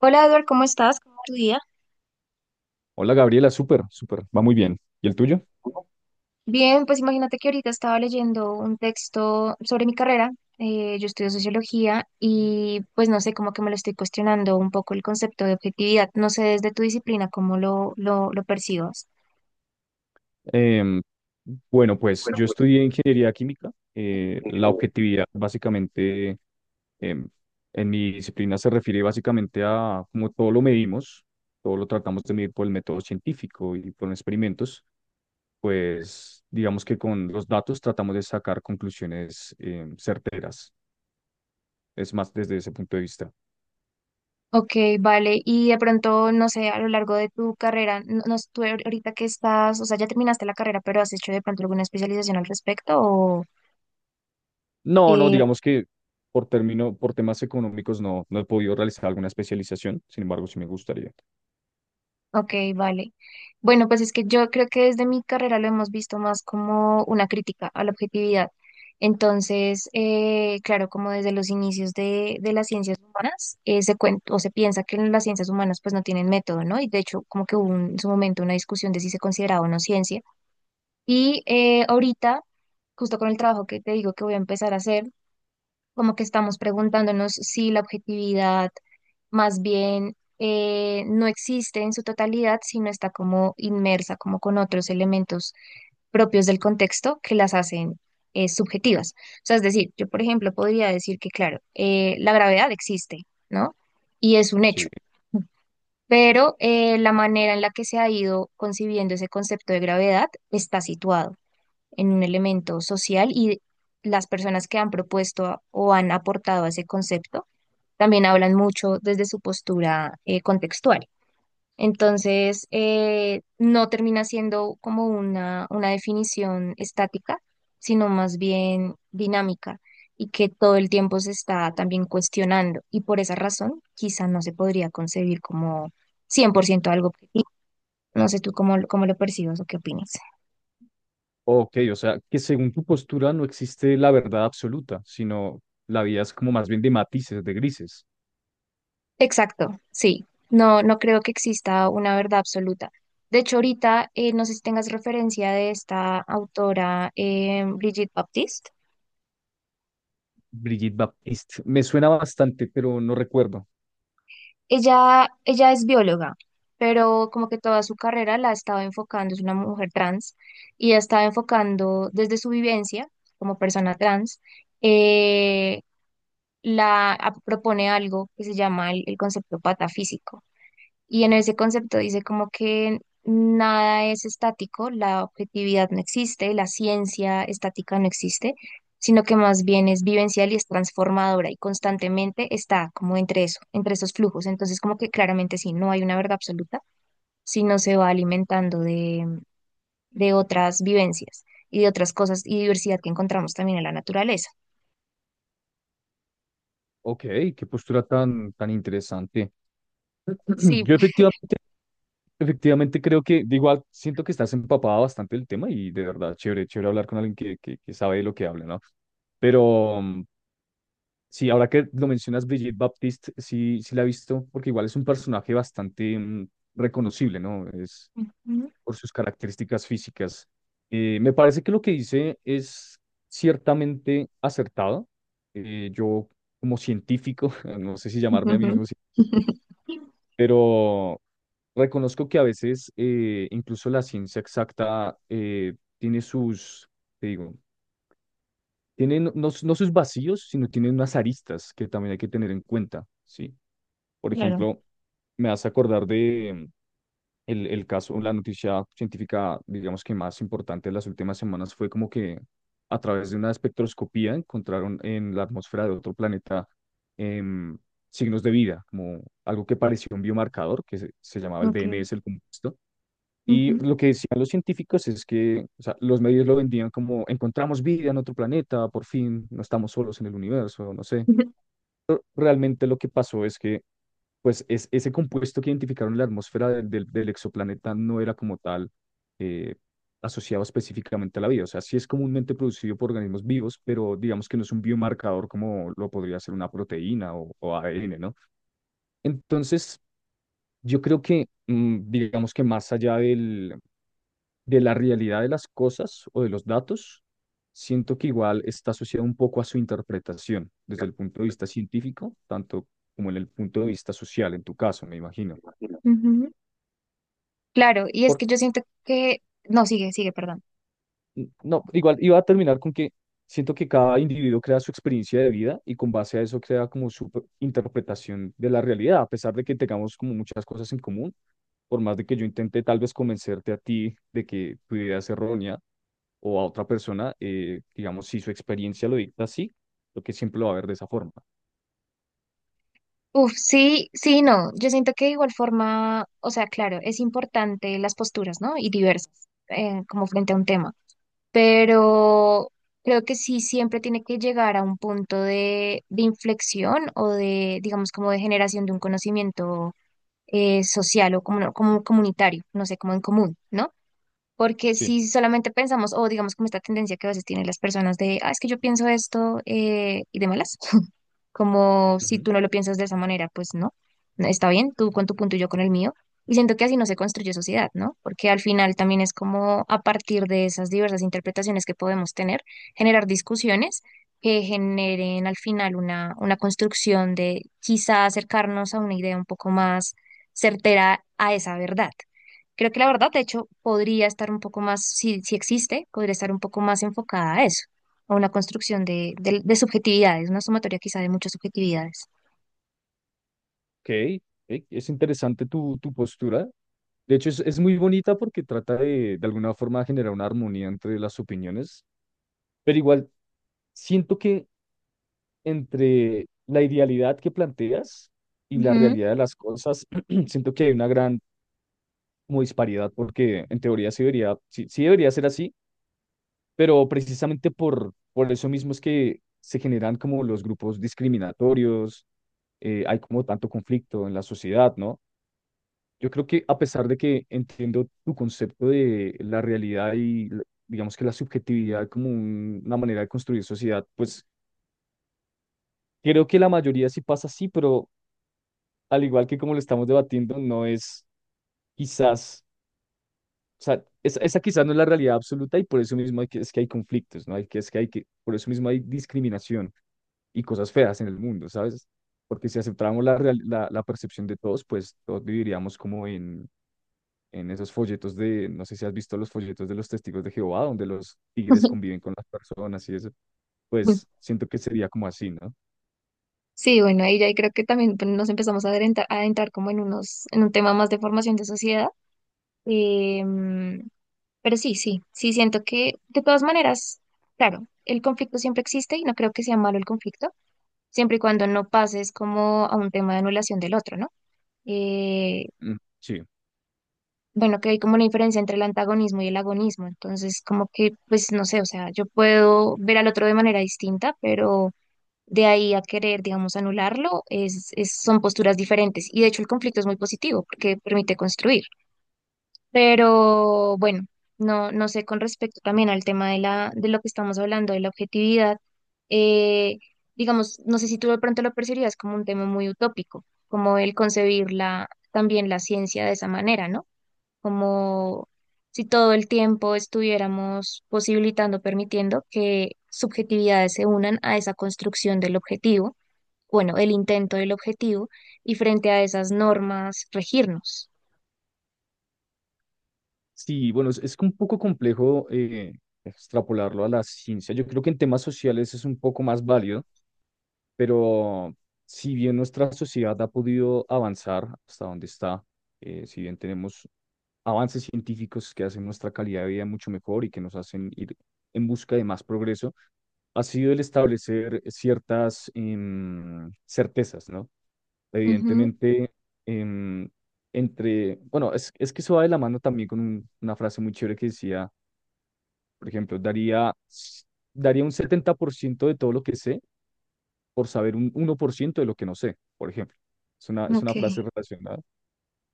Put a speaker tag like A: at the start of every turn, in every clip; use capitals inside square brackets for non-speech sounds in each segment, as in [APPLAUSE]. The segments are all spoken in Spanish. A: Hola Edward, ¿cómo estás? ¿Cómo va tu día?
B: Hola Gabriela, súper, súper, va muy bien. ¿Y el tuyo?
A: Bien, pues imagínate que ahorita estaba leyendo un texto sobre mi carrera. Yo estudio sociología y pues no sé, como que me lo estoy cuestionando un poco el concepto de objetividad. No sé desde tu disciplina cómo lo percibas.
B: Em, bueno, pues yo estudié ingeniería química. La objetividad básicamente em, en mi disciplina se refiere básicamente a cómo todo lo medimos, todo lo tratamos de medir por el método científico y por experimentos, pues digamos que con los datos tratamos de sacar conclusiones certeras. Es más desde ese punto de vista.
A: Ok, vale. Y de pronto, no sé, a lo largo de tu carrera, no, no sé, tú ahorita que estás, o sea, ya terminaste la carrera, pero has hecho de pronto alguna especialización al respecto o...
B: No, no,
A: eh,
B: digamos que por temas económicos no, no he podido realizar alguna especialización, sin embargo, sí me gustaría.
A: Ok, vale. Bueno, pues es que yo creo que desde mi carrera lo hemos visto más como una crítica a la objetividad. Entonces, claro, como desde los inicios de las ciencias humanas, o se piensa que las ciencias humanas pues no tienen método, ¿no? Y de hecho, como que en su momento una discusión de si se consideraba o no ciencia. Y ahorita, justo con el trabajo que te digo que voy a empezar a hacer, como que estamos preguntándonos si la objetividad más bien no existe en su totalidad, sino está como inmersa, como con otros elementos propios del contexto que las hacen subjetivas. O sea, es decir, yo, por ejemplo, podría decir que, claro, la gravedad existe, ¿no? Y es un
B: Sí.
A: hecho. Pero la manera en la que se ha ido concibiendo ese concepto de gravedad está situado en un elemento social y las personas que han propuesto o han aportado a ese concepto también hablan mucho desde su postura contextual. Entonces, no termina siendo como una definición estática, sino más bien dinámica y que todo el tiempo se está también cuestionando. Y por esa razón, quizá no se podría concebir como 100% algo objetivo. No sé tú cómo, cómo lo percibas o qué opinas.
B: Ok, o sea, que según tu postura no existe la verdad absoluta, sino la vida es como más bien de matices, de grises.
A: Exacto, sí. No, no creo que exista una verdad absoluta. De hecho, ahorita no sé si tengas referencia de esta autora, Brigitte Baptiste.
B: Brigitte Baptiste, me suena bastante, pero no recuerdo.
A: Ella es bióloga, pero como que toda su carrera la ha estado enfocando, es una mujer trans, y ha estado enfocando desde su vivencia como persona trans, eh, propone algo que se llama el concepto patafísico. Y en ese concepto dice como que nada es estático, la objetividad no existe, la ciencia estática no existe, sino que más bien es vivencial y es transformadora y constantemente está como entre eso, entre esos flujos. Entonces como que claramente sí, no hay una verdad absoluta, sino se va alimentando de otras vivencias y de otras cosas y diversidad que encontramos también en la naturaleza.
B: Ok, qué postura tan, tan interesante.
A: Sí.
B: [CLEARS THROAT] Yo efectivamente creo que, de igual, siento que estás empapada bastante del tema y de verdad, chévere hablar con alguien que, que sabe de lo que habla, ¿no? Pero, sí, ahora que lo mencionas, Brigitte Baptiste, sí, sí la he visto, porque igual es un personaje bastante reconocible, ¿no? Es por sus características físicas. Me parece que lo que dice es ciertamente acertado. Yo, como científico, [LAUGHS] no sé si llamarme a mí
A: Ujú.
B: mismo,
A: [LAUGHS]
B: pero reconozco que a veces incluso la ciencia exacta tiene sus, te digo, tienen no, no sus vacíos, sino tienen unas aristas que también hay que tener en cuenta, ¿sí? Por
A: Claro.
B: ejemplo, me hace acordar el caso, la noticia científica, digamos que más importante de las últimas semanas fue como que a través de una espectroscopía encontraron en la atmósfera de otro planeta em, signos de vida, como algo que parecía un biomarcador, que se llamaba el
A: Ok.
B: DMS, el compuesto, y
A: Ujú.
B: lo que decían los científicos es que, o sea, los medios lo vendían como encontramos vida en otro planeta, por fin no estamos solos en el universo, no sé. Realmente lo que pasó es que, pues, es, ese compuesto que identificaron en la atmósfera del exoplaneta no era como tal eh, asociado específicamente a la vida. O sea, sí es comúnmente producido por organismos vivos, pero digamos que no es un biomarcador como lo podría ser una proteína o ADN, ¿no? Entonces, yo creo que, digamos que más allá del de la realidad de las cosas o de los datos, siento que igual está asociado un poco a su interpretación desde el punto de vista científico, tanto como en el punto de vista social, en tu caso, me imagino.
A: Ujú. Claro, y es que yo siento que, no, sigue, sigue, perdón.
B: No, igual iba a terminar con que siento que cada individuo crea su experiencia de vida y con base a eso crea como su interpretación de la realidad, a pesar de que tengamos como muchas cosas en común, por más de que yo intente tal vez convencerte a ti de que tu idea es errónea o a otra persona, digamos, si su experiencia lo dicta así, lo que siempre lo va a ver de esa forma.
A: Uf, sí, sí, no, yo siento que de igual forma, o sea, claro, es importante las posturas, ¿no? Y diversas, como frente a un tema, pero creo que sí siempre tiene que llegar a un punto de inflexión o de, digamos, como de generación de un conocimiento social o como, como comunitario, no sé, como en común, ¿no? Porque
B: Sí.
A: si solamente pensamos, o digamos como esta tendencia que a veces tienen las personas de, ah, es que yo pienso esto y de malas, [LAUGHS] como si
B: Ujú.
A: tú no lo piensas de esa manera, pues no, no, está bien, tú con tu punto y yo con el mío. Y siento que así no se construye sociedad, ¿no? Porque al final también es como a partir de esas diversas interpretaciones que podemos tener, generar discusiones que generen al final una construcción de quizá acercarnos a una idea un poco más certera a esa verdad. Creo que la verdad, de hecho, podría estar un poco más, si, si existe, podría estar un poco más enfocada a eso, a una construcción de subjetividades, una sumatoria quizá de muchas subjetividades.
B: Ok, ok, es interesante tu, tu postura. De hecho, es muy bonita porque trata de alguna forma, generar una armonía entre las opiniones, pero igual siento que entre la idealidad que planteas y la
A: Ujú.
B: realidad de las cosas, [CLEARS THROAT] siento que hay una gran como disparidad porque en teoría sí debería, sí, sí debería ser así, pero precisamente por eso mismo es que se generan como los grupos discriminatorios, hay como tanto conflicto en la sociedad, ¿no? Yo creo que a pesar de que entiendo tu concepto de la realidad y digamos que la subjetividad como una manera de construir sociedad, pues creo que la mayoría sí pasa así, pero al igual que como lo estamos debatiendo, no es quizás, o sea, esa quizás no es la realidad absoluta y por eso mismo hay que, es que hay conflictos, ¿no? Hay que, es que hay que, por eso mismo hay discriminación y cosas feas en el mundo, ¿sabes? Porque si aceptáramos la, la percepción de todos, pues todos viviríamos como en esos folletos de, no sé si has visto los folletos de los testigos de Jehová, donde los tigres
A: [LAUGHS]
B: conviven con las personas y eso, pues siento que sería como así, ¿no?
A: Sí, bueno, ahí ya creo que también pues, nos empezamos a adentrar como en unos, en un tema más de formación de sociedad. Em, pero sí, sí, sí siento que de todas maneras, claro, el conflicto siempre existe y no creo que sea malo el conflicto, siempre y cuando no pases como a un tema de anulación del otro, ¿no? Eh,
B: Mm, sí.
A: bueno, que hay como una diferencia entre el antagonismo y el agonismo. Entonces, como que, pues no sé, o sea, yo puedo ver al otro de manera distinta, pero de ahí a querer, digamos, anularlo, son posturas diferentes. Y de hecho el conflicto es muy positivo porque permite construir. Pero bueno, no, no sé con respecto también al tema de la, de lo que estamos hablando, de la objetividad. eh, digamos, no sé si tú de pronto lo percibías como un tema muy utópico, como el concebir la, también la ciencia de esa manera, ¿no? Como si todo el tiempo estuviéramos posibilitando, permitiendo que subjetividades se unan a esa construcción del objetivo, bueno, el intento del objetivo, y frente a esas normas regirnos.
B: Sí, bueno, es un poco complejo extrapolarlo a la ciencia. Yo creo que en temas sociales es un poco más válido, pero si bien nuestra sociedad ha podido avanzar hasta donde está, si bien tenemos avances científicos que hacen nuestra calidad de vida mucho mejor y que nos hacen ir en busca de más progreso, ha sido el establecer ciertas certezas, ¿no?
A: Ujú,
B: Evidentemente, em, entre, bueno, es que eso va de la mano también con una frase muy chévere que decía, por ejemplo, daría un 70% de todo lo que sé por saber un 1% de lo que no sé, por ejemplo. Es
A: ok,
B: una frase relacionada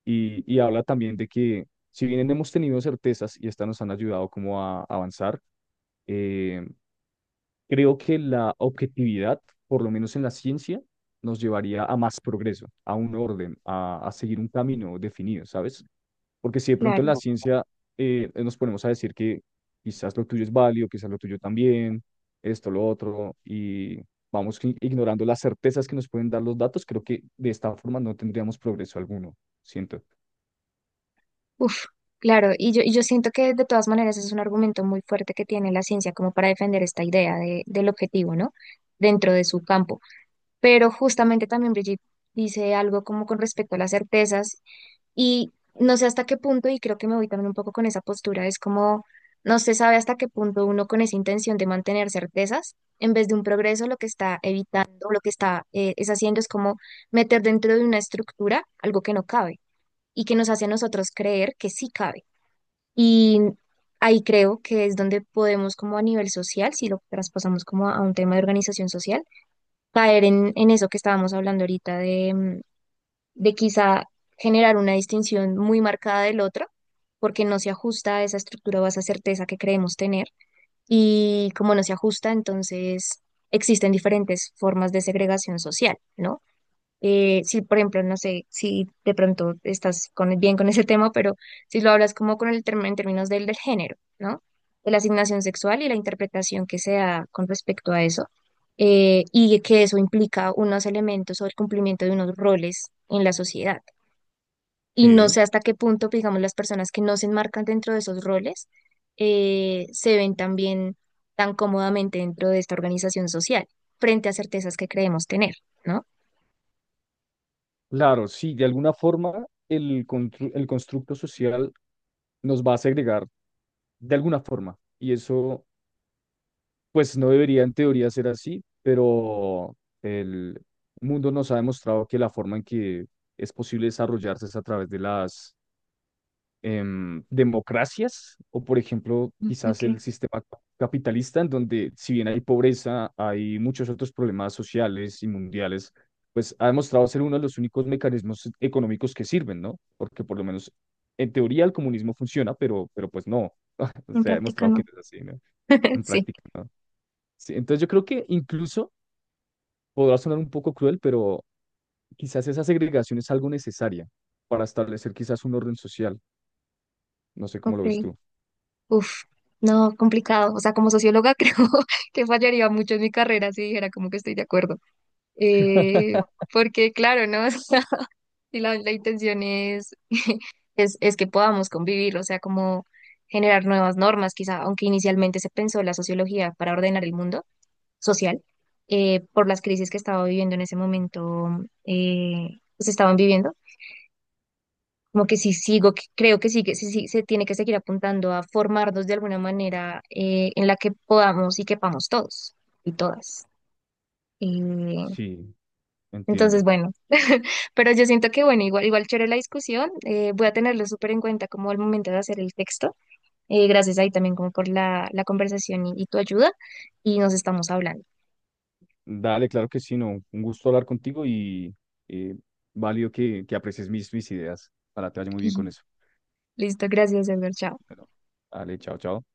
B: y habla también de que si bien hemos tenido certezas y estas nos han ayudado como a avanzar, eh, creo que la objetividad, por lo menos en la ciencia, nos llevaría a más progreso, a un orden, a seguir un camino definido, ¿sabes? Porque si de pronto en la
A: claro.
B: ciencia nos ponemos a decir que quizás lo tuyo es válido, quizás lo tuyo también, esto, lo otro, y vamos ignorando las certezas que nos pueden dar los datos, creo que de esta forma no tendríamos progreso alguno, siento.
A: Uf, claro. Y yo siento que de todas maneras es un argumento muy fuerte que tiene la ciencia como para defender esta idea del objetivo, ¿no? Dentro de su campo. Pero justamente también Brigitte dice algo como con respecto a las certezas. Y no sé hasta qué punto, y creo que me voy también un poco con esa postura, es como no se sabe hasta qué punto uno con esa intención de mantener certezas, en vez de un progreso, lo que está evitando, lo que está es haciendo es como meter dentro de una estructura algo que no cabe y que nos hace a nosotros creer que sí cabe. Y ahí creo que es donde podemos como a nivel social, si lo traspasamos como a un tema de organización social, caer en eso que estábamos hablando ahorita de quizá generar una distinción muy marcada del otro, porque no se ajusta a esa estructura o a esa certeza que creemos tener. Y como no se ajusta, entonces existen diferentes formas de segregación social, ¿no? Si, por ejemplo, no sé si de pronto estás con, bien con ese tema, pero si lo hablas como con el término en términos del género, ¿no? De la asignación sexual y la interpretación que se da con respecto a eso y que eso implica unos elementos o el cumplimiento de unos roles en la sociedad. Y no
B: Sí.
A: sé hasta qué punto, digamos, las personas que no se enmarcan dentro de esos roles se ven también tan cómodamente dentro de esta organización social, frente a certezas que creemos tener, ¿no?
B: Claro, sí, de alguna forma el constructo social nos va a segregar de alguna forma. Y eso pues no debería en teoría ser así, pero el mundo nos ha demostrado que la forma en que es posible desarrollarse es a través de las democracias o, por ejemplo,
A: Mm,
B: quizás
A: ok,
B: el sistema capitalista, en donde si bien hay pobreza, hay muchos otros problemas sociales y mundiales, pues ha demostrado ser uno de los únicos mecanismos económicos que sirven, ¿no? Porque por lo menos en teoría el comunismo funciona, pero pues no, [LAUGHS]
A: en
B: se ha
A: práctica
B: demostrado que
A: no.
B: no es así, ¿no?
A: [LAUGHS]
B: En
A: Sí,
B: práctica, ¿no? Sí, entonces yo creo que incluso podrá sonar un poco cruel, pero quizás esa segregación es algo necesaria para establecer quizás un orden social. No sé cómo lo ves
A: ok.
B: tú.
A: Uf, no, complicado. O sea, como socióloga [LAUGHS] creo que fallaría mucho en mi carrera si dijera como que estoy de acuerdo. Eh,
B: [LAUGHS]
A: Porque claro, ¿no? [LAUGHS] O sea, si la, la intención es que podamos convivir, o sea, como generar nuevas normas, quizá, aunque inicialmente se pensó la sociología para ordenar el mundo social, por las crisis que estaba viviendo en ese momento, eh, se estaban viviendo, como que sí sigo, creo que sí, sí se tiene que seguir apuntando a formarnos de alguna manera en la que podamos y quepamos todos y todas. Eh,
B: Sí,
A: entonces,
B: entiendo.
A: bueno, pero yo siento que, bueno, igual, igual chévere la discusión, voy a tenerlo súper en cuenta como el momento de hacer el texto. Gracias ahí también como por la conversación y tu ayuda y nos estamos hablando.
B: Dale, claro que sí, no. Un gusto hablar contigo y eh, válido que aprecies mis, mis ideas. Para te vaya muy bien con
A: [LAUGHS]
B: eso.
A: Listo, gracias, Edgar. Chao.
B: Bueno, dale, chao, chao.